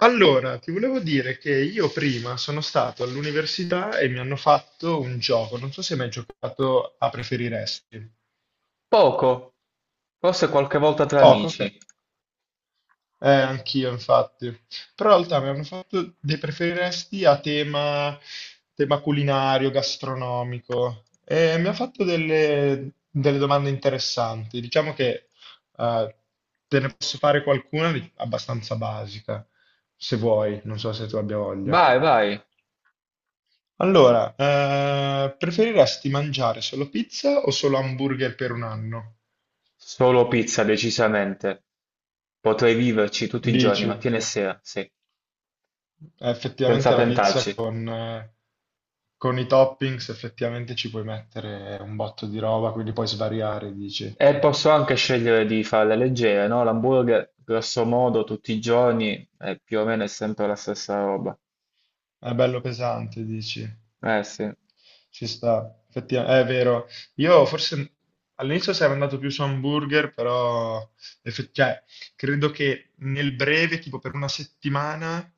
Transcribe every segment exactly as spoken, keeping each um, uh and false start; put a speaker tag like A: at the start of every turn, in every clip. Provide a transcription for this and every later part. A: Allora, ti volevo dire che io prima sono stato all'università e mi hanno fatto un gioco. Non so se hai mai giocato a preferiresti. No,
B: Poco, forse qualche volta tra
A: poco, ok.
B: amici.
A: Eh, anch'io, infatti. Però in realtà mi hanno fatto dei preferiresti a tema, tema culinario, gastronomico. E mi ha fatto delle, delle domande interessanti. Diciamo che eh, te ne posso fare qualcuna di- abbastanza basica, se vuoi. Non so se tu abbia voglia.
B: Vai, vai.
A: Allora, eh, preferiresti mangiare solo pizza o solo hamburger per un anno?
B: Solo pizza, decisamente. Potrei viverci tutti i giorni,
A: Dici, eh,
B: mattina e sera, sì, senza
A: effettivamente la pizza
B: pentarci.
A: con, eh, con i toppings effettivamente ci puoi mettere un botto di roba, quindi puoi svariare, dici.
B: E posso anche scegliere di farle leggere, no? L'hamburger, grosso modo, tutti i giorni, eh, più o meno è sempre la stessa roba.
A: È bello pesante, dici.
B: Eh sì, un
A: Ci sta, effettivamente, è vero. Io forse all'inizio sarei andato più su hamburger, però effe- cioè, credo che nel breve, tipo per una settimana,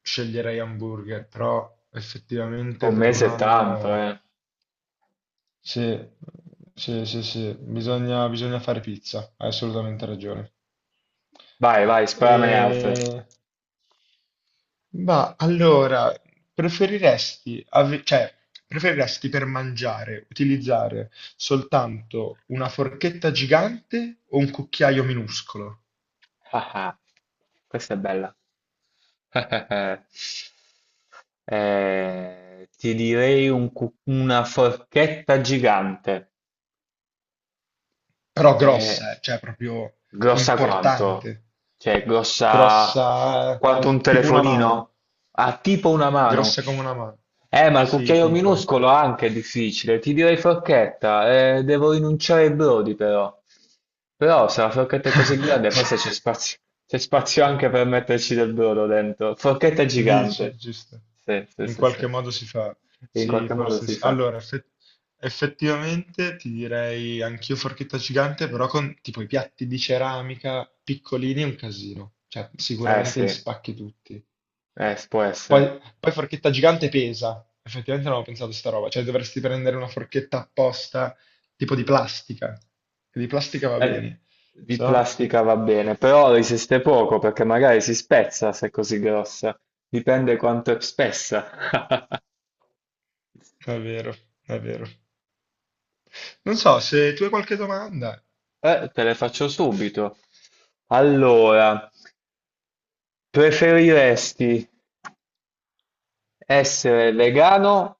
A: sceglierei hamburger, però effettivamente per un
B: mese è tanto,
A: anno
B: eh.
A: sì, sì, sì, sì, bisogna, bisogna fare pizza, hai assolutamente ragione.
B: Vai, vai, sparamene altre.
A: E... Ma allora, preferiresti, ave- cioè, preferiresti per mangiare utilizzare soltanto una forchetta gigante o un cucchiaio minuscolo?
B: Ah ah, questa è bella. Eh, ti direi un cu- una forchetta gigante.
A: Però
B: È
A: grossa, eh, cioè proprio
B: grossa quanto?
A: importante,
B: Cioè, grossa
A: grossa,
B: quanto un
A: tipo una mano,
B: telefonino? Ha tipo una mano.
A: grossa come una mano.
B: Eh, ma il
A: Sì,
B: cucchiaio
A: tipo.
B: minuscolo anche è difficile. Ti direi forchetta. Eh, devo rinunciare ai brodi, però. Però, se la forchetta è così grande, forse c'è spazio. C'è spazio anche per metterci del brodo dentro. Forchetta
A: Dici,
B: gigante.
A: giusto.
B: Sì, sì,
A: In
B: sì,
A: qualche
B: sì.
A: modo si fa.
B: In
A: Sì,
B: qualche modo
A: forse
B: si
A: sì.
B: fa.
A: Allora, effe- effettivamente ti direi anch'io forchetta gigante, però con tipo i piatti di ceramica piccolini è un casino. Cioè,
B: Eh
A: sicuramente li
B: sì,
A: spacchi tutti.
B: eh, può essere.
A: Poi, poi forchetta gigante pesa. Effettivamente non avevo pensato a sta roba. Cioè, dovresti prendere una forchetta apposta, tipo di plastica. Che Di plastica va
B: Eh,
A: bene.
B: di
A: So,
B: plastica va bene, però resiste poco perché magari si spezza se è così grossa. Dipende quanto è spessa.
A: è vero, è vero. Non so, se tu hai qualche domanda.
B: Eh, te le faccio subito. Allora, preferiresti essere vegano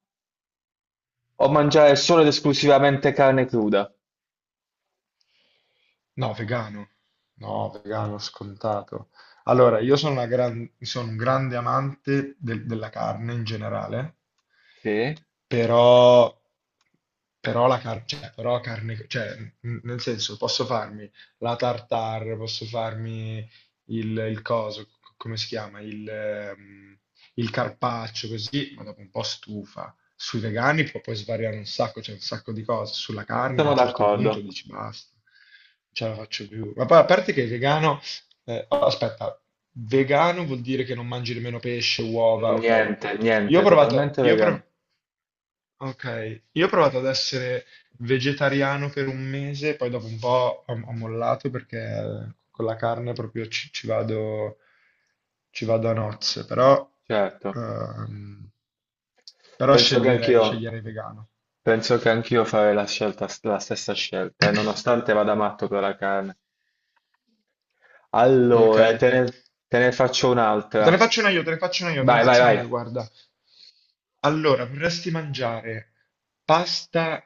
B: o mangiare solo ed esclusivamente carne cruda?
A: No, vegano. No, vegano, scontato. Allora, io sono, una gran- sono un grande amante del- della carne in generale,
B: Sì,
A: però, però, la car- cioè, però carne, cioè, n- nel senso, posso farmi la tartare, posso farmi il, il coso, c- come si chiama, il, ehm, il carpaccio, così, ma dopo un po' stufa. Sui vegani può poi svariare un sacco, c'è un sacco di cose. Sulla carne a
B: sono
A: un certo punto
B: d'accordo.
A: dici basta, non ce la faccio più. Ma poi a parte che vegano, eh, oh, aspetta, vegano vuol dire che non mangi nemmeno pesce, uova, ok.
B: Niente,
A: Io ho
B: niente,
A: provato,
B: totalmente
A: io ho
B: vegano.
A: prov- Ok, io ho provato ad essere vegetariano per un mese, poi dopo un po' ho, ho mollato perché con la carne proprio ci, ci vado, ci vado a nozze, però,
B: Certo,
A: ehm, però
B: penso che
A: sceglierei,
B: anch'io.
A: sceglierei vegano.
B: Penso che anch'io farei la scelta, la stessa scelta, e nonostante vada matto per la carne.
A: Ok.
B: Allora, te ne, te ne faccio
A: Ma Te ne
B: un'altra.
A: faccio una io, te ne faccio una io, te ne
B: Vai, vai,
A: faccio una io,
B: vai.
A: guarda. Allora, vorresti mangiare pasta?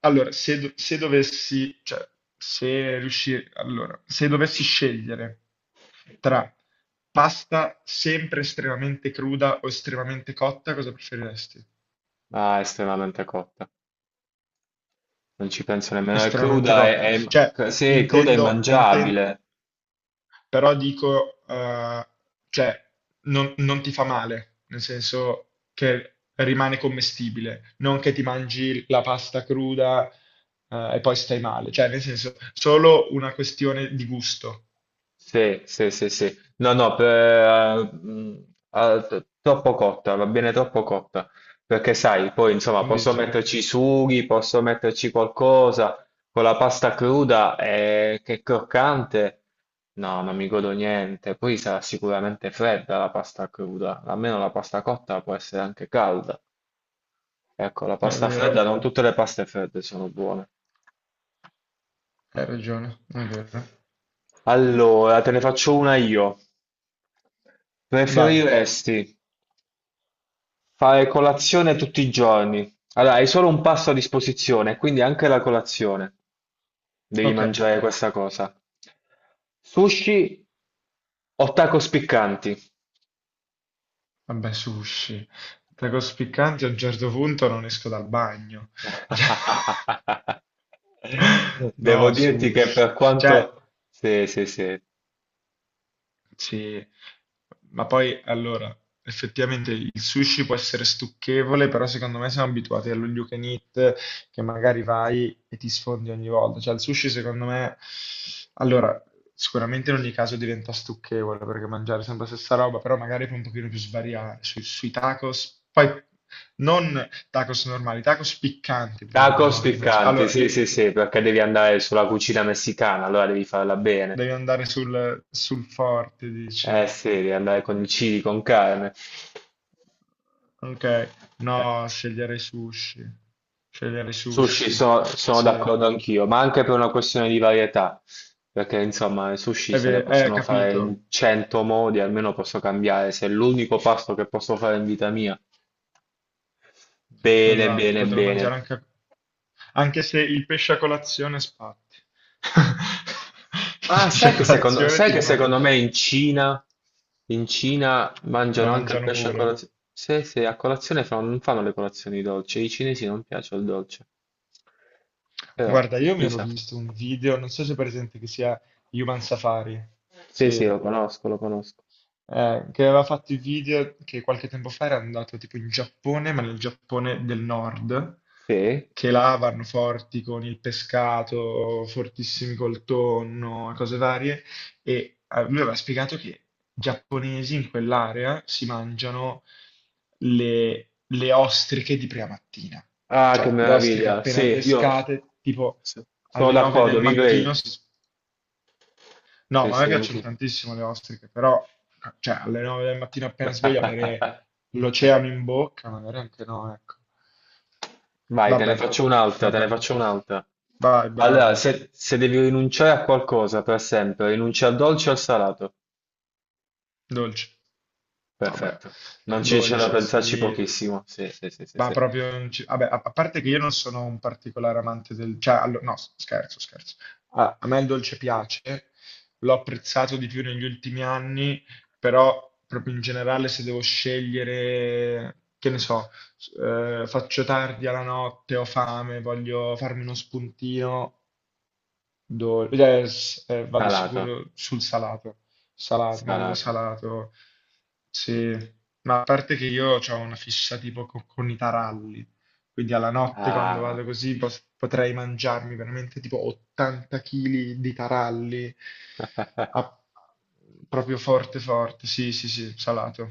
A: Allora, se, do- se dovessi, cioè, se riusci- allora, se dovessi scegliere tra pasta sempre estremamente cruda o estremamente cotta, cosa preferiresti?
B: Ah, è estremamente cotta. Non ci penso nemmeno. È
A: Estremamente
B: cruda,
A: cotta.
B: è,
A: Cioè,
B: è- sì, è cruda e
A: intendo, intendo,
B: mangiabile.
A: però dico, eh, cioè, non, non ti fa male, nel senso che rimane commestibile, non che ti mangi la pasta cruda, eh, e poi stai male, cioè, nel senso, solo una questione di gusto.
B: Sì, sì, sì, sì. No, no, per- eh, mm, ah, t- troppo cotta, va bene troppo cotta, perché sai, poi insomma posso
A: Dice.
B: metterci i sughi, posso metterci qualcosa, con la pasta cruda eh, che è croccante, no, non mi godo niente, poi sarà sicuramente fredda la pasta cruda, almeno la pasta cotta può essere anche calda. Ecco, la
A: È
B: pasta
A: vero,
B: fredda, non tutte le paste fredde sono buone.
A: hai ragione, è vero.
B: Allora, te ne faccio una io.
A: Vai,
B: Preferiresti fare colazione tutti i giorni? Allora, hai solo un pasto a disposizione, quindi anche la colazione. Devi
A: ok,
B: mangiare questa cosa. Sushi o tacos piccanti?
A: vabbè, sushi. Tacos piccanti a un certo punto non esco dal bagno.
B: Devo
A: No,
B: dirti che per
A: sushi. Cioè,
B: quanto... Sì, sì, sì.
A: sì, ma poi allora, effettivamente il sushi può essere stucchevole, però secondo me siamo abituati allo you can eat che magari vai e ti sfondi ogni volta. Cioè il sushi secondo me, allora, sicuramente in ogni caso diventa stucchevole perché mangiare sempre la stessa roba, però magari puoi un pochino più svariare sui, sui tacos, poi non tacos normali, tacos piccanti pure,
B: Tacos
A: no? Non c'è-
B: piccanti,
A: allora,
B: sì,
A: i-
B: sì, sì, perché devi andare sulla cucina messicana, allora devi farla bene.
A: devi andare sul sul forte, dici.
B: Eh sì, riandare con i cibi, con carne.
A: Ok, no, sceglierei sushi. Sceglierei
B: Sushi
A: sushi.
B: so- sono
A: Sì,
B: d'accordo anch'io, ma anche per una questione di varietà, perché insomma i sushi
A: è
B: se ne
A: vero, eh,
B: possono fare
A: capito.
B: in cento modi, almeno posso cambiare, se è l'unico pasto che posso fare in vita mia, bene,
A: Esatto,
B: bene,
A: potrò
B: bene.
A: mangiare anche, a- anche se il pesce a colazione spatti.
B: Ah,
A: Il pesce a
B: sai che secondo,
A: colazione
B: sai
A: ti
B: che
A: rimane,
B: secondo me in Cina, in Cina
A: lo
B: mangiano anche il
A: mangiano
B: pesce a
A: pure.
B: colazione. Se, se a colazione fanno- non fanno le colazioni dolci, ai cinesi non piace il dolce. Però,
A: Guarda, io mi ero
B: chissà.
A: visto un video, non so se è presente, che sia Human Safari.
B: Sì, sì,
A: Sì.
B: lo conosco, lo conosco.
A: Eh, che aveva fatto i video che qualche tempo fa era andato tipo in Giappone, ma nel Giappone del nord,
B: Sì.
A: che là vanno forti con il pescato, fortissimi col tonno, e cose varie, e eh, lui aveva spiegato che i giapponesi in quell'area si mangiano le, le ostriche di prima mattina,
B: Ah, che
A: cioè le ostriche
B: meraviglia.
A: appena
B: Sì, io
A: pescate, tipo
B: sono
A: alle nove del
B: d'accordo, vivrei.
A: mattino si No,
B: Sì,
A: ma a me
B: sì,
A: piacciono
B: anche.
A: tantissimo le ostriche, però cioè, alle nove del mattino appena sveglio avere l'oceano in bocca, magari anche no, ecco.
B: Vai, te ne
A: Vabbè,
B: faccio un'altra, te ne
A: vabbè.
B: faccio un'altra.
A: Vai, bravo.
B: Allora, se, se devi rinunciare a qualcosa per sempre, rinuncia al dolce o al salato?
A: Dolce. Vabbè,
B: Perfetto. Non ci c'è da
A: dolce,
B: pensarci
A: sì.
B: pochissimo. Sì, sì, sì, sì,
A: Ma
B: sì.
A: proprio non ci- Vabbè, a a parte che io non sono un particolare amante del... Cioè, allo- no, scherzo, scherzo. A, a me il dolce piace, l'ho apprezzato di più negli ultimi anni, però proprio in generale se devo scegliere, che ne so, s- eh, faccio tardi alla notte, ho fame, voglio farmi uno spuntino, do- eh, s- eh, vado
B: Salato,
A: sicuro sul salato, salato, ma proprio
B: salato.
A: salato. Sì, ma a parte che io ho una fissa tipo co- con, i taralli, quindi alla notte quando
B: Ah,
A: vado così pos- potrei mangiarmi veramente tipo ottanta chili di taralli, a- proprio forte forte, sì sì sì, salato.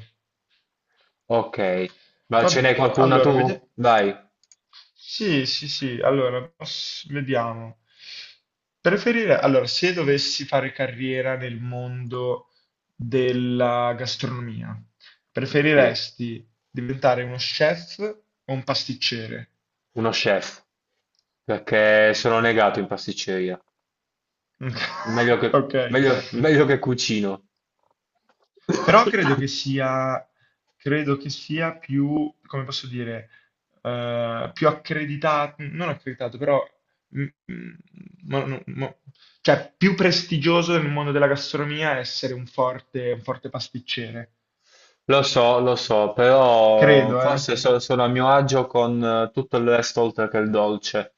B: ok. Ma ce
A: Va-
B: n'è qualcuna
A: allora, vediamo.
B: tu? Vai.
A: Sì, sì, sì, allora, poss- vediamo. Preferire, allora, se dovessi fare carriera nel mondo della gastronomia,
B: Sì,
A: preferiresti diventare uno chef o un pasticcere?
B: uno chef. Perché sono negato in pasticceria. Meglio che,
A: Ok,
B: meglio meglio che cucino.
A: però credo che sia, credo che sia più, come posso dire, eh, più accreditato, non accreditato, però mm, mm, mo- no- mo- cioè, più prestigioso nel mondo della gastronomia essere un forte, un forte pasticcere.
B: Lo so, lo so, però
A: Credo, eh?
B: forse so- sono a mio agio con eh, tutto il resto oltre che il dolce.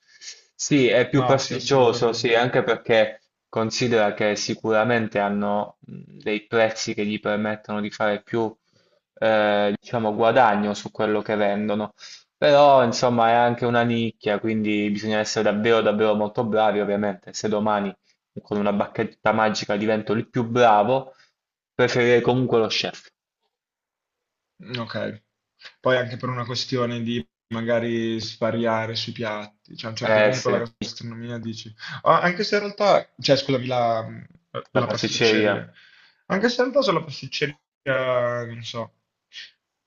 B: Sì, è più
A: No, sì,
B: prestigioso, sì,
A: assolutamente.
B: anche perché considera che sicuramente hanno mh, dei prezzi che gli permettono di fare più, eh, diciamo, guadagno su quello che vendono. Però, insomma, è anche una nicchia, quindi bisogna essere davvero, davvero molto bravi, ovviamente. Se domani con una bacchetta magica divento il più bravo, preferirei comunque lo chef.
A: Mm, ok. Poi anche per una questione di magari svariare sui piatti, cioè a un certo
B: Eh
A: punto
B: sì,
A: la gastronomia dici, ah, anche se in realtà, cioè scusami, la,
B: la
A: la
B: pasticceria.
A: pasticceria, anche se in realtà sulla pasticceria, non so,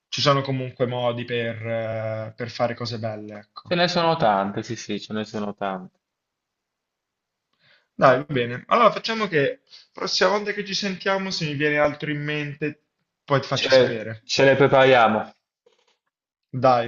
A: ci sono comunque modi per, eh, per fare cose belle,
B: Ce
A: ecco.
B: ne sono tante, sì sì, ce ne sono tante.
A: Dai, va bene. Allora facciamo che prossima volta che ci sentiamo, se mi viene altro in mente, poi ti
B: Ce
A: faccio
B: le,
A: sapere.
B: ce le prepariamo.
A: Dai.